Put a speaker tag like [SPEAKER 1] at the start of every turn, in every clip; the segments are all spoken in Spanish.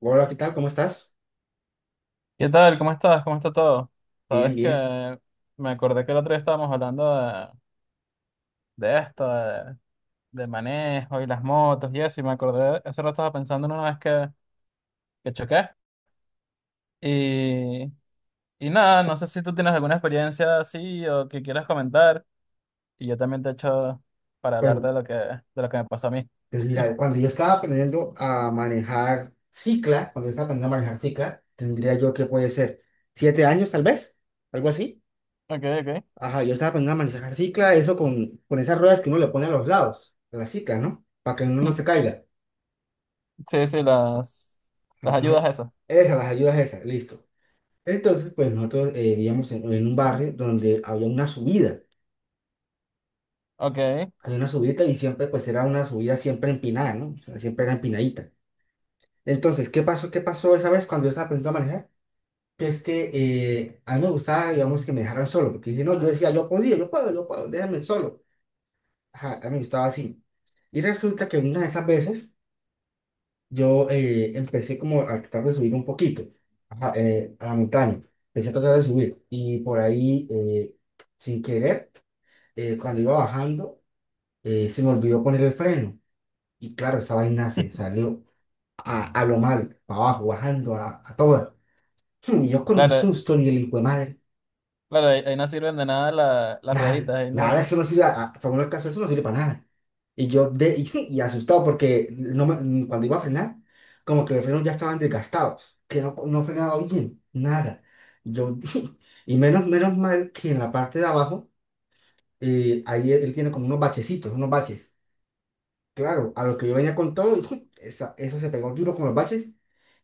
[SPEAKER 1] Hola, ¿qué tal? ¿Cómo estás?
[SPEAKER 2] ¿Qué tal? ¿Cómo estás? ¿Cómo está todo?
[SPEAKER 1] Bien,
[SPEAKER 2] Sabes que
[SPEAKER 1] bien.
[SPEAKER 2] me acordé que el otro día estábamos hablando de esto, de manejo y las motos y eso, y me acordé, hace rato estaba pensando en una vez que choqué. Y, y nada, no sé si tú tienes alguna experiencia así o que quieras comentar, y yo también te echo para hablar
[SPEAKER 1] Bueno,
[SPEAKER 2] de lo que me pasó a mí.
[SPEAKER 1] pues mira, cuando yo estaba aprendiendo a manejar cicla, cuando estaba aprendiendo a manejar cicla, tendría yo que puede ser 7 años tal vez, algo así.
[SPEAKER 2] Ok, ok.
[SPEAKER 1] Ajá, yo estaba aprendiendo a manejar cicla, eso con esas ruedas que uno le pone a los lados, a la cicla, ¿no? Para que uno no se caiga.
[SPEAKER 2] Sí, sí, las
[SPEAKER 1] Entonces.
[SPEAKER 2] ayudas esas.
[SPEAKER 1] Esas, las ayudas esas, listo. Entonces, pues nosotros vivíamos en un barrio donde había una subida,
[SPEAKER 2] Ok,
[SPEAKER 1] y siempre, pues era una subida siempre empinada, ¿no? O sea, siempre era empinadita. Entonces, ¿qué pasó? ¿Qué pasó esa vez cuando yo estaba aprendiendo a manejar? Que es que a mí me gustaba, digamos, que me dejaran solo, porque si no, yo decía, yo podía, yo puedo, déjame solo. Ajá, a mí me gustaba así. Y resulta que una de esas veces yo empecé como a tratar de subir un poquito ajá, a la montaña. Empecé a tratar de subir. Y por ahí, sin querer, cuando iba bajando, se me olvidó poner el freno. Y claro, esa vaina se salió a lo mal, para abajo, bajando a todas. Y yo con un
[SPEAKER 2] claro,
[SPEAKER 1] susto ni el hijo de madre,
[SPEAKER 2] claro, ahí no sirven de nada las
[SPEAKER 1] nada,
[SPEAKER 2] rueditas, ahí
[SPEAKER 1] nada,
[SPEAKER 2] no,
[SPEAKER 1] eso no sirve, a por favor del caso, eso no sirve para nada. Y yo de, y, y asustado porque no me- cuando iba a frenar, como que los frenos ya estaban desgastados, que no frenaba bien, nada. Y yo, y menos mal que en la parte de abajo, ahí él tiene como unos bachecitos, unos baches. Claro, a lo que yo venía con todo, eso se pegó duro con los baches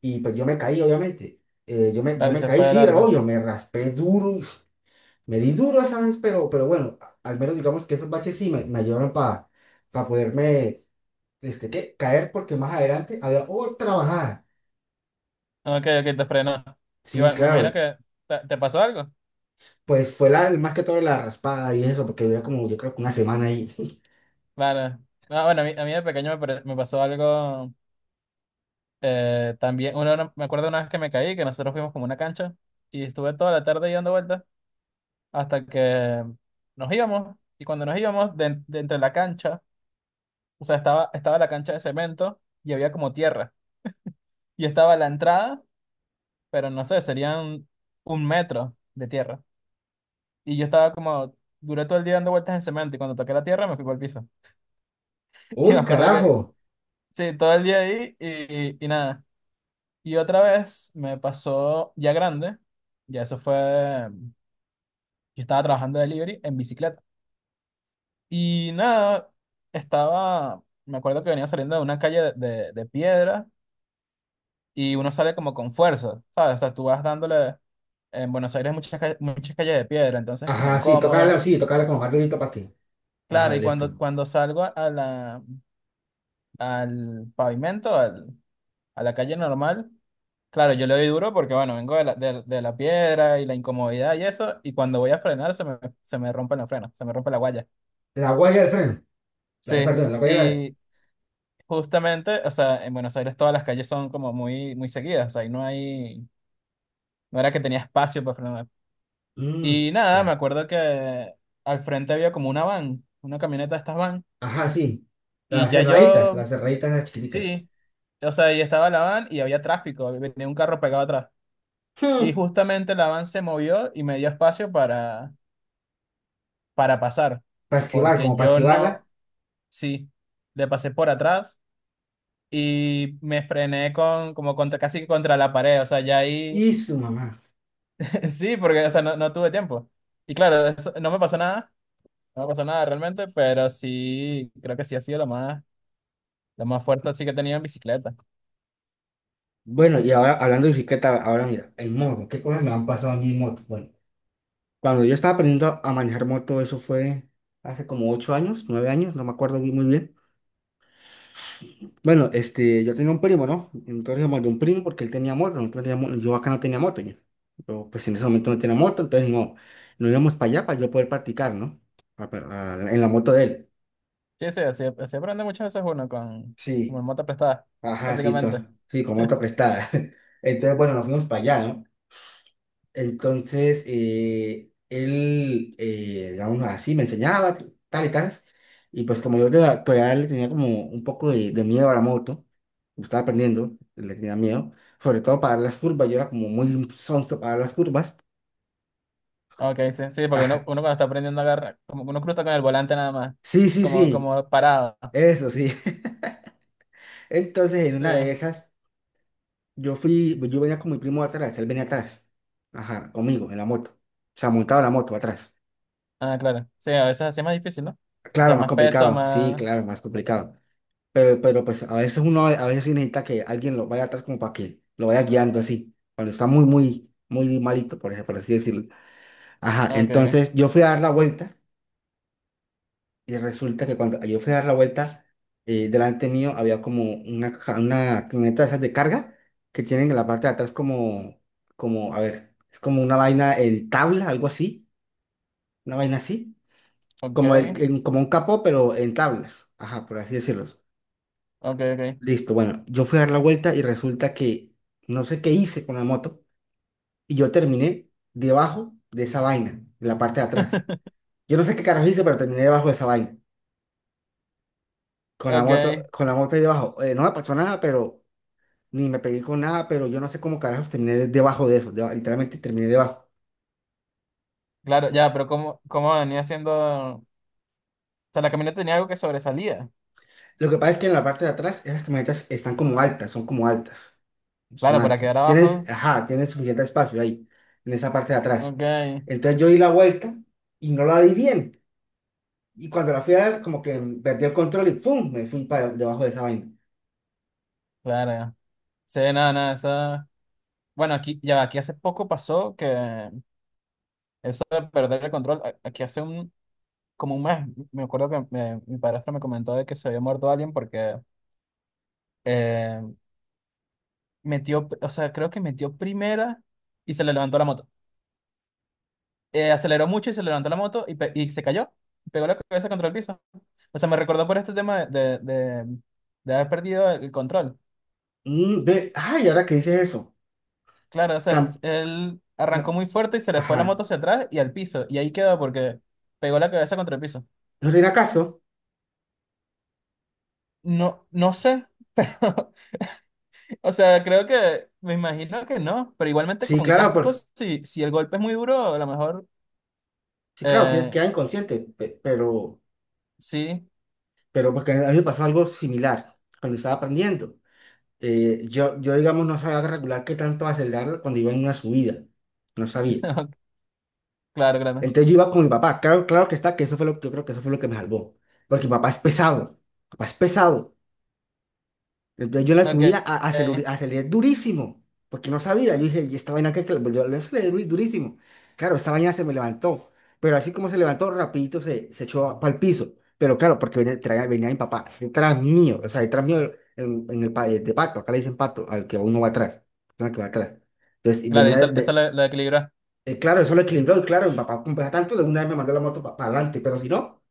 [SPEAKER 1] y pues yo me caí, obviamente. Yo me, yo
[SPEAKER 2] claro, y
[SPEAKER 1] me
[SPEAKER 2] se
[SPEAKER 1] caí,
[SPEAKER 2] fue de
[SPEAKER 1] sí,
[SPEAKER 2] largo.
[SPEAKER 1] obvio, me raspé duro. Me di duro esa vez, pero, pero bueno, al menos digamos que esos baches sí me ayudaron para poderme este, ¿qué? Caer porque más adelante había otra bajada.
[SPEAKER 2] Ok, ok, te frenó. Y
[SPEAKER 1] Sí,
[SPEAKER 2] bueno, me imagino
[SPEAKER 1] claro,
[SPEAKER 2] que te pasó algo.
[SPEAKER 1] pues fue la, más que todo la raspada y eso, porque duré como yo creo que una semana ahí.
[SPEAKER 2] Claro. No, bueno, a mí de pequeño me pasó algo también. Me acuerdo una vez que me caí, que nosotros fuimos como a una cancha y estuve toda la tarde ahí dando vueltas hasta que nos íbamos. Y cuando nos íbamos, de entre la cancha, o sea, estaba, estaba la cancha de cemento y había como tierra. Y estaba la entrada, pero no sé, serían un metro de tierra. Y yo estaba como, duré todo el día dando vueltas en cemento y cuando toqué la tierra me fui por el piso. Y me
[SPEAKER 1] ¡Uy,
[SPEAKER 2] acuerdo que,
[SPEAKER 1] carajo!
[SPEAKER 2] sí, todo el día ahí y nada. Y otra vez me pasó ya grande, ya eso fue, yo estaba trabajando de delivery en bicicleta. Y nada, estaba, me acuerdo que venía saliendo de una calle de piedra y uno sale como con fuerza, ¿sabes? O sea, tú vas dándole, en Buenos Aires hay muchas calles de piedra, entonces es como
[SPEAKER 1] Ajá,
[SPEAKER 2] incómodo.
[SPEAKER 1] sí, tocarla como más durito para ti.
[SPEAKER 2] Claro,
[SPEAKER 1] Ajá,
[SPEAKER 2] y
[SPEAKER 1] listo.
[SPEAKER 2] cuando salgo a al pavimento, a la calle normal, claro, yo le doy duro porque, bueno, vengo de de la piedra y la incomodidad y eso, y cuando voy a frenar se me rompen los frenos, se me rompe la guaya.
[SPEAKER 1] La guaya del freno,
[SPEAKER 2] Sí,
[SPEAKER 1] perdón, la guaya de
[SPEAKER 2] y justamente, o sea, en Buenos Aires todas las calles son como muy, muy seguidas, o sea, ahí no hay, no era que tenía espacio para frenar.
[SPEAKER 1] la.
[SPEAKER 2] Y nada, me
[SPEAKER 1] Ca-
[SPEAKER 2] acuerdo que al frente había como una van, una camioneta de estas van,
[SPEAKER 1] Ajá, sí,
[SPEAKER 2] y
[SPEAKER 1] las
[SPEAKER 2] ya
[SPEAKER 1] cerraditas,
[SPEAKER 2] yo,
[SPEAKER 1] las cerraditas las chiquiticas.
[SPEAKER 2] sí, o sea, ahí estaba la van y había tráfico, venía un carro pegado atrás. Y
[SPEAKER 1] Hmm,
[SPEAKER 2] justamente la van se movió y me dio espacio para pasar,
[SPEAKER 1] Para esquivar,
[SPEAKER 2] porque
[SPEAKER 1] como para
[SPEAKER 2] yo
[SPEAKER 1] esquivarla.
[SPEAKER 2] no, sí, le pasé por atrás y me frené con, como contra, casi que contra la pared, o sea, ya ahí,
[SPEAKER 1] Y su mamá.
[SPEAKER 2] sí, porque, o sea, no, no tuve tiempo. Y claro, no me pasó nada, no me pasó nada realmente, pero sí, creo que sí ha sido lo más fuerte así que he tenido en bicicleta.
[SPEAKER 1] Bueno, y ahora hablando de bicicleta, ahora mira, en moto, ¿qué cosas me han pasado a mí en moto? Bueno, cuando yo estaba aprendiendo a manejar moto, eso fue hace como 8 años, 9 años, no me acuerdo muy bien. Bueno, yo tenía un primo, ¿no? Entonces yo mandé un primo porque él tenía moto, yo acá no tenía moto, pues en ese momento no tenía moto, entonces no, nos íbamos para allá para yo poder practicar, ¿no? A- en la moto de él.
[SPEAKER 2] Sí, sí, así, así aprende muchas veces uno con, como
[SPEAKER 1] Sí,
[SPEAKER 2] en moto prestada,
[SPEAKER 1] ajá, sí,
[SPEAKER 2] básicamente.
[SPEAKER 1] sí, con moto prestada. Entonces, bueno, nos fuimos para allá, ¿no? Entonces, él, digamos así, me enseñaba tal y tal. Y pues como yo todavía le tenía como un poco de miedo a la moto, me estaba aprendiendo, le tenía miedo, sobre todo para las curvas, yo era como muy sonso para las curvas.
[SPEAKER 2] Ok, sí, sí, porque uno
[SPEAKER 1] Ajá.
[SPEAKER 2] cuando está aprendiendo a agarrar, como que uno cruza con el volante nada más,
[SPEAKER 1] Sí, sí,
[SPEAKER 2] como,
[SPEAKER 1] sí,
[SPEAKER 2] como parado.
[SPEAKER 1] eso sí. Entonces, en
[SPEAKER 2] Sí.
[SPEAKER 1] una de esas, yo venía con mi primo atrás, él venía atrás, ajá, conmigo, en la moto. O sea, montado en la moto atrás.
[SPEAKER 2] Ah, claro. Sí, a veces así es más difícil, ¿no? O
[SPEAKER 1] Claro,
[SPEAKER 2] sea,
[SPEAKER 1] más
[SPEAKER 2] más peso,
[SPEAKER 1] complicado, sí,
[SPEAKER 2] más...
[SPEAKER 1] claro, más complicado. Pero pues a veces uno a veces sí necesita que alguien lo vaya atrás como para que lo vaya guiando así, cuando está muy, muy, muy malito, por ejemplo, por así decirlo. Ajá,
[SPEAKER 2] Ah, ok, ok.
[SPEAKER 1] entonces yo fui a dar la vuelta y resulta que cuando yo fui a dar la vuelta, delante mío había como una camioneta de esas de carga que tienen en la parte de atrás como, como, a ver, es como una vaina en tabla, algo así, una vaina así,
[SPEAKER 2] Ok,
[SPEAKER 1] como un capó, pero en tablas, ajá, por así decirlo.
[SPEAKER 2] ok, ok.
[SPEAKER 1] Listo, bueno, yo fui a dar la vuelta y resulta que no sé qué hice con la moto y yo terminé debajo de esa vaina, en la parte de atrás. Yo no sé qué carajo hice, pero terminé debajo de esa vaina,
[SPEAKER 2] Ok.
[SPEAKER 1] con la moto ahí debajo. No me pasó nada, pero ni me pegué con nada, pero yo no sé cómo carajos terminé debajo de eso, literalmente terminé debajo.
[SPEAKER 2] Claro, ya, pero ¿cómo, cómo venía haciendo...? O sea, la camioneta tenía algo que sobresalía.
[SPEAKER 1] Lo que pasa es que en la parte de atrás esas camionetas están como altas, son
[SPEAKER 2] Claro, para
[SPEAKER 1] altas.
[SPEAKER 2] quedar
[SPEAKER 1] Tienes,
[SPEAKER 2] abajo.
[SPEAKER 1] ajá, tienes suficiente espacio ahí, en esa parte de atrás.
[SPEAKER 2] Ok,
[SPEAKER 1] Entonces yo di la vuelta y no la di bien. Y cuando la fui a ver, como que perdí el control y ¡pum! Me fui para debajo de esa vaina.
[SPEAKER 2] claro. Sí, nada, nada, eso... Bueno, aquí, ya, aquí hace poco pasó que eso de perder el control, aquí hace un, como un mes, me acuerdo que mi padrastro me comentó de que se había muerto alguien porque eh, metió, o sea, creo que metió primera y se le levantó la moto. Aceleró mucho y se le levantó la moto y se cayó. Pegó la cabeza contra el piso. O sea, me recordó por este tema de haber perdido el control.
[SPEAKER 1] Mm, ve, ay, ¿y ahora que dices eso?
[SPEAKER 2] Claro, o sea,
[SPEAKER 1] Tam-
[SPEAKER 2] él
[SPEAKER 1] ah,
[SPEAKER 2] arrancó muy fuerte y se le fue
[SPEAKER 1] ajá.
[SPEAKER 2] la moto hacia atrás y al piso. Y ahí quedó porque pegó la cabeza contra el piso.
[SPEAKER 1] ¿No tiene acaso?
[SPEAKER 2] No, no sé, pero, o sea, creo que, me imagino que no, pero igualmente
[SPEAKER 1] Sí,
[SPEAKER 2] con
[SPEAKER 1] claro,
[SPEAKER 2] cascos, si el golpe es muy duro, a lo mejor,
[SPEAKER 1] sí, claro,
[SPEAKER 2] eh,
[SPEAKER 1] queda inconsciente,
[SPEAKER 2] sí,
[SPEAKER 1] pero porque a mí me pasó algo similar cuando estaba aprendiendo. Digamos, no sabía regular qué tanto acelerar cuando iba en una subida. No sabía.
[SPEAKER 2] claro, claro.
[SPEAKER 1] Entonces yo iba con mi papá. Claro, claro que está, que yo creo que eso fue lo que me salvó. Porque mi papá es pesado. Mi papá es pesado. Entonces yo en la
[SPEAKER 2] Ok,
[SPEAKER 1] subida aceleré,
[SPEAKER 2] ok.
[SPEAKER 1] aceleré durísimo, porque no sabía. Yo dije, ¿y esta vaina Yo le aceleré durísimo. Claro, esta vaina se me levantó, pero así como se levantó, rapidito se, se echó para el piso. Pero claro, porque venía mi papá detrás mío, o sea, detrás mío en, de pato, acá le dicen pato, al que uno va atrás, al que va atrás. Entonces y
[SPEAKER 2] Claro,
[SPEAKER 1] venía,
[SPEAKER 2] eso
[SPEAKER 1] ve-
[SPEAKER 2] lo equilibra.
[SPEAKER 1] claro, eso lo equilibró, y claro, mi papá, como pesa tanto, de una vez me mandó la moto para adelante, pero si no,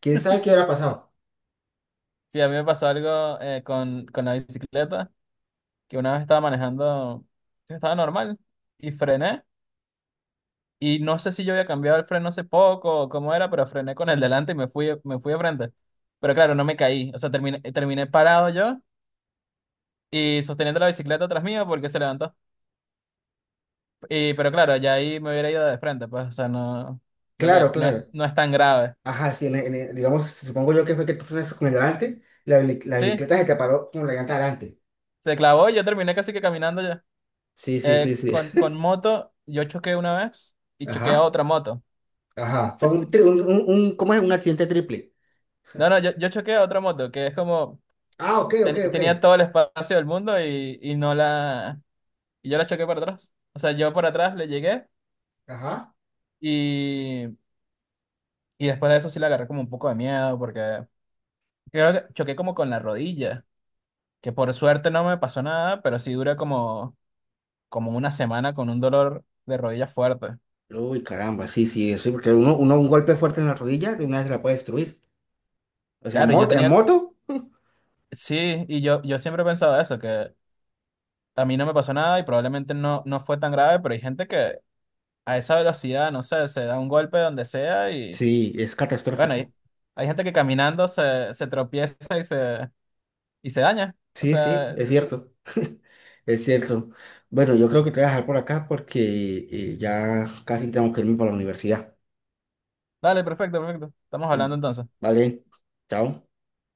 [SPEAKER 1] quién sabe qué hubiera pasado.
[SPEAKER 2] Sí, a mí me pasó algo con la bicicleta, que una vez estaba manejando, estaba normal, y frené, y no sé si yo había cambiado el freno hace poco o cómo era, pero frené con el delante y me fui de frente. Pero claro, no me caí, o sea, terminé, terminé parado yo y sosteniendo la bicicleta atrás mío porque se levantó. Y, pero claro, ya ahí me hubiera ido de frente, pues, o sea, no, creo que
[SPEAKER 1] Claro,
[SPEAKER 2] no es,
[SPEAKER 1] claro.
[SPEAKER 2] no es tan grave.
[SPEAKER 1] Ajá, sí, digamos, supongo yo que fue que tú frenaste con el delante, la
[SPEAKER 2] Sí,
[SPEAKER 1] bicicleta se te paró con la llanta delante.
[SPEAKER 2] se clavó y yo terminé casi que caminando ya.
[SPEAKER 1] Sí, sí, sí, sí.
[SPEAKER 2] Con moto, yo choqué una vez y choqué a
[SPEAKER 1] Ajá,
[SPEAKER 2] otra moto.
[SPEAKER 1] ajá. Fue un, tri- un- ¿cómo es? Un accidente triple.
[SPEAKER 2] No, no, yo choqué a otra moto que es como
[SPEAKER 1] Ah, ok, ok, ok.
[SPEAKER 2] tenía todo el espacio del mundo y no la. Y yo la choqué por atrás. O sea, yo por atrás le llegué
[SPEAKER 1] Ajá.
[SPEAKER 2] y, y después de eso sí la agarré como un poco de miedo porque creo que choqué como con la rodilla, que por suerte no me pasó nada, pero sí duré como, como una semana con un dolor de rodilla fuerte.
[SPEAKER 1] Uy, caramba, sí, sí, sí, porque uno, un golpe fuerte en la rodilla de una vez la puede destruir. O sea, en
[SPEAKER 2] Claro, y yo
[SPEAKER 1] moto, en
[SPEAKER 2] tenía.
[SPEAKER 1] moto,
[SPEAKER 2] Sí, yo siempre he pensado eso, que. A mí no me pasó nada y probablemente no, no fue tan grave, pero hay gente que a esa velocidad, no sé, se da un golpe donde sea.
[SPEAKER 1] sí, es
[SPEAKER 2] Bueno, hay,
[SPEAKER 1] catastrófico.
[SPEAKER 2] hay gente que caminando se, se tropieza y se daña. O
[SPEAKER 1] Sí, sí,
[SPEAKER 2] sea,
[SPEAKER 1] es cierto. Es cierto. Bueno, yo creo que te voy a dejar por acá porque ya casi tengo que irme para la universidad.
[SPEAKER 2] dale, perfecto, perfecto. Estamos hablando entonces.
[SPEAKER 1] Vale, chao.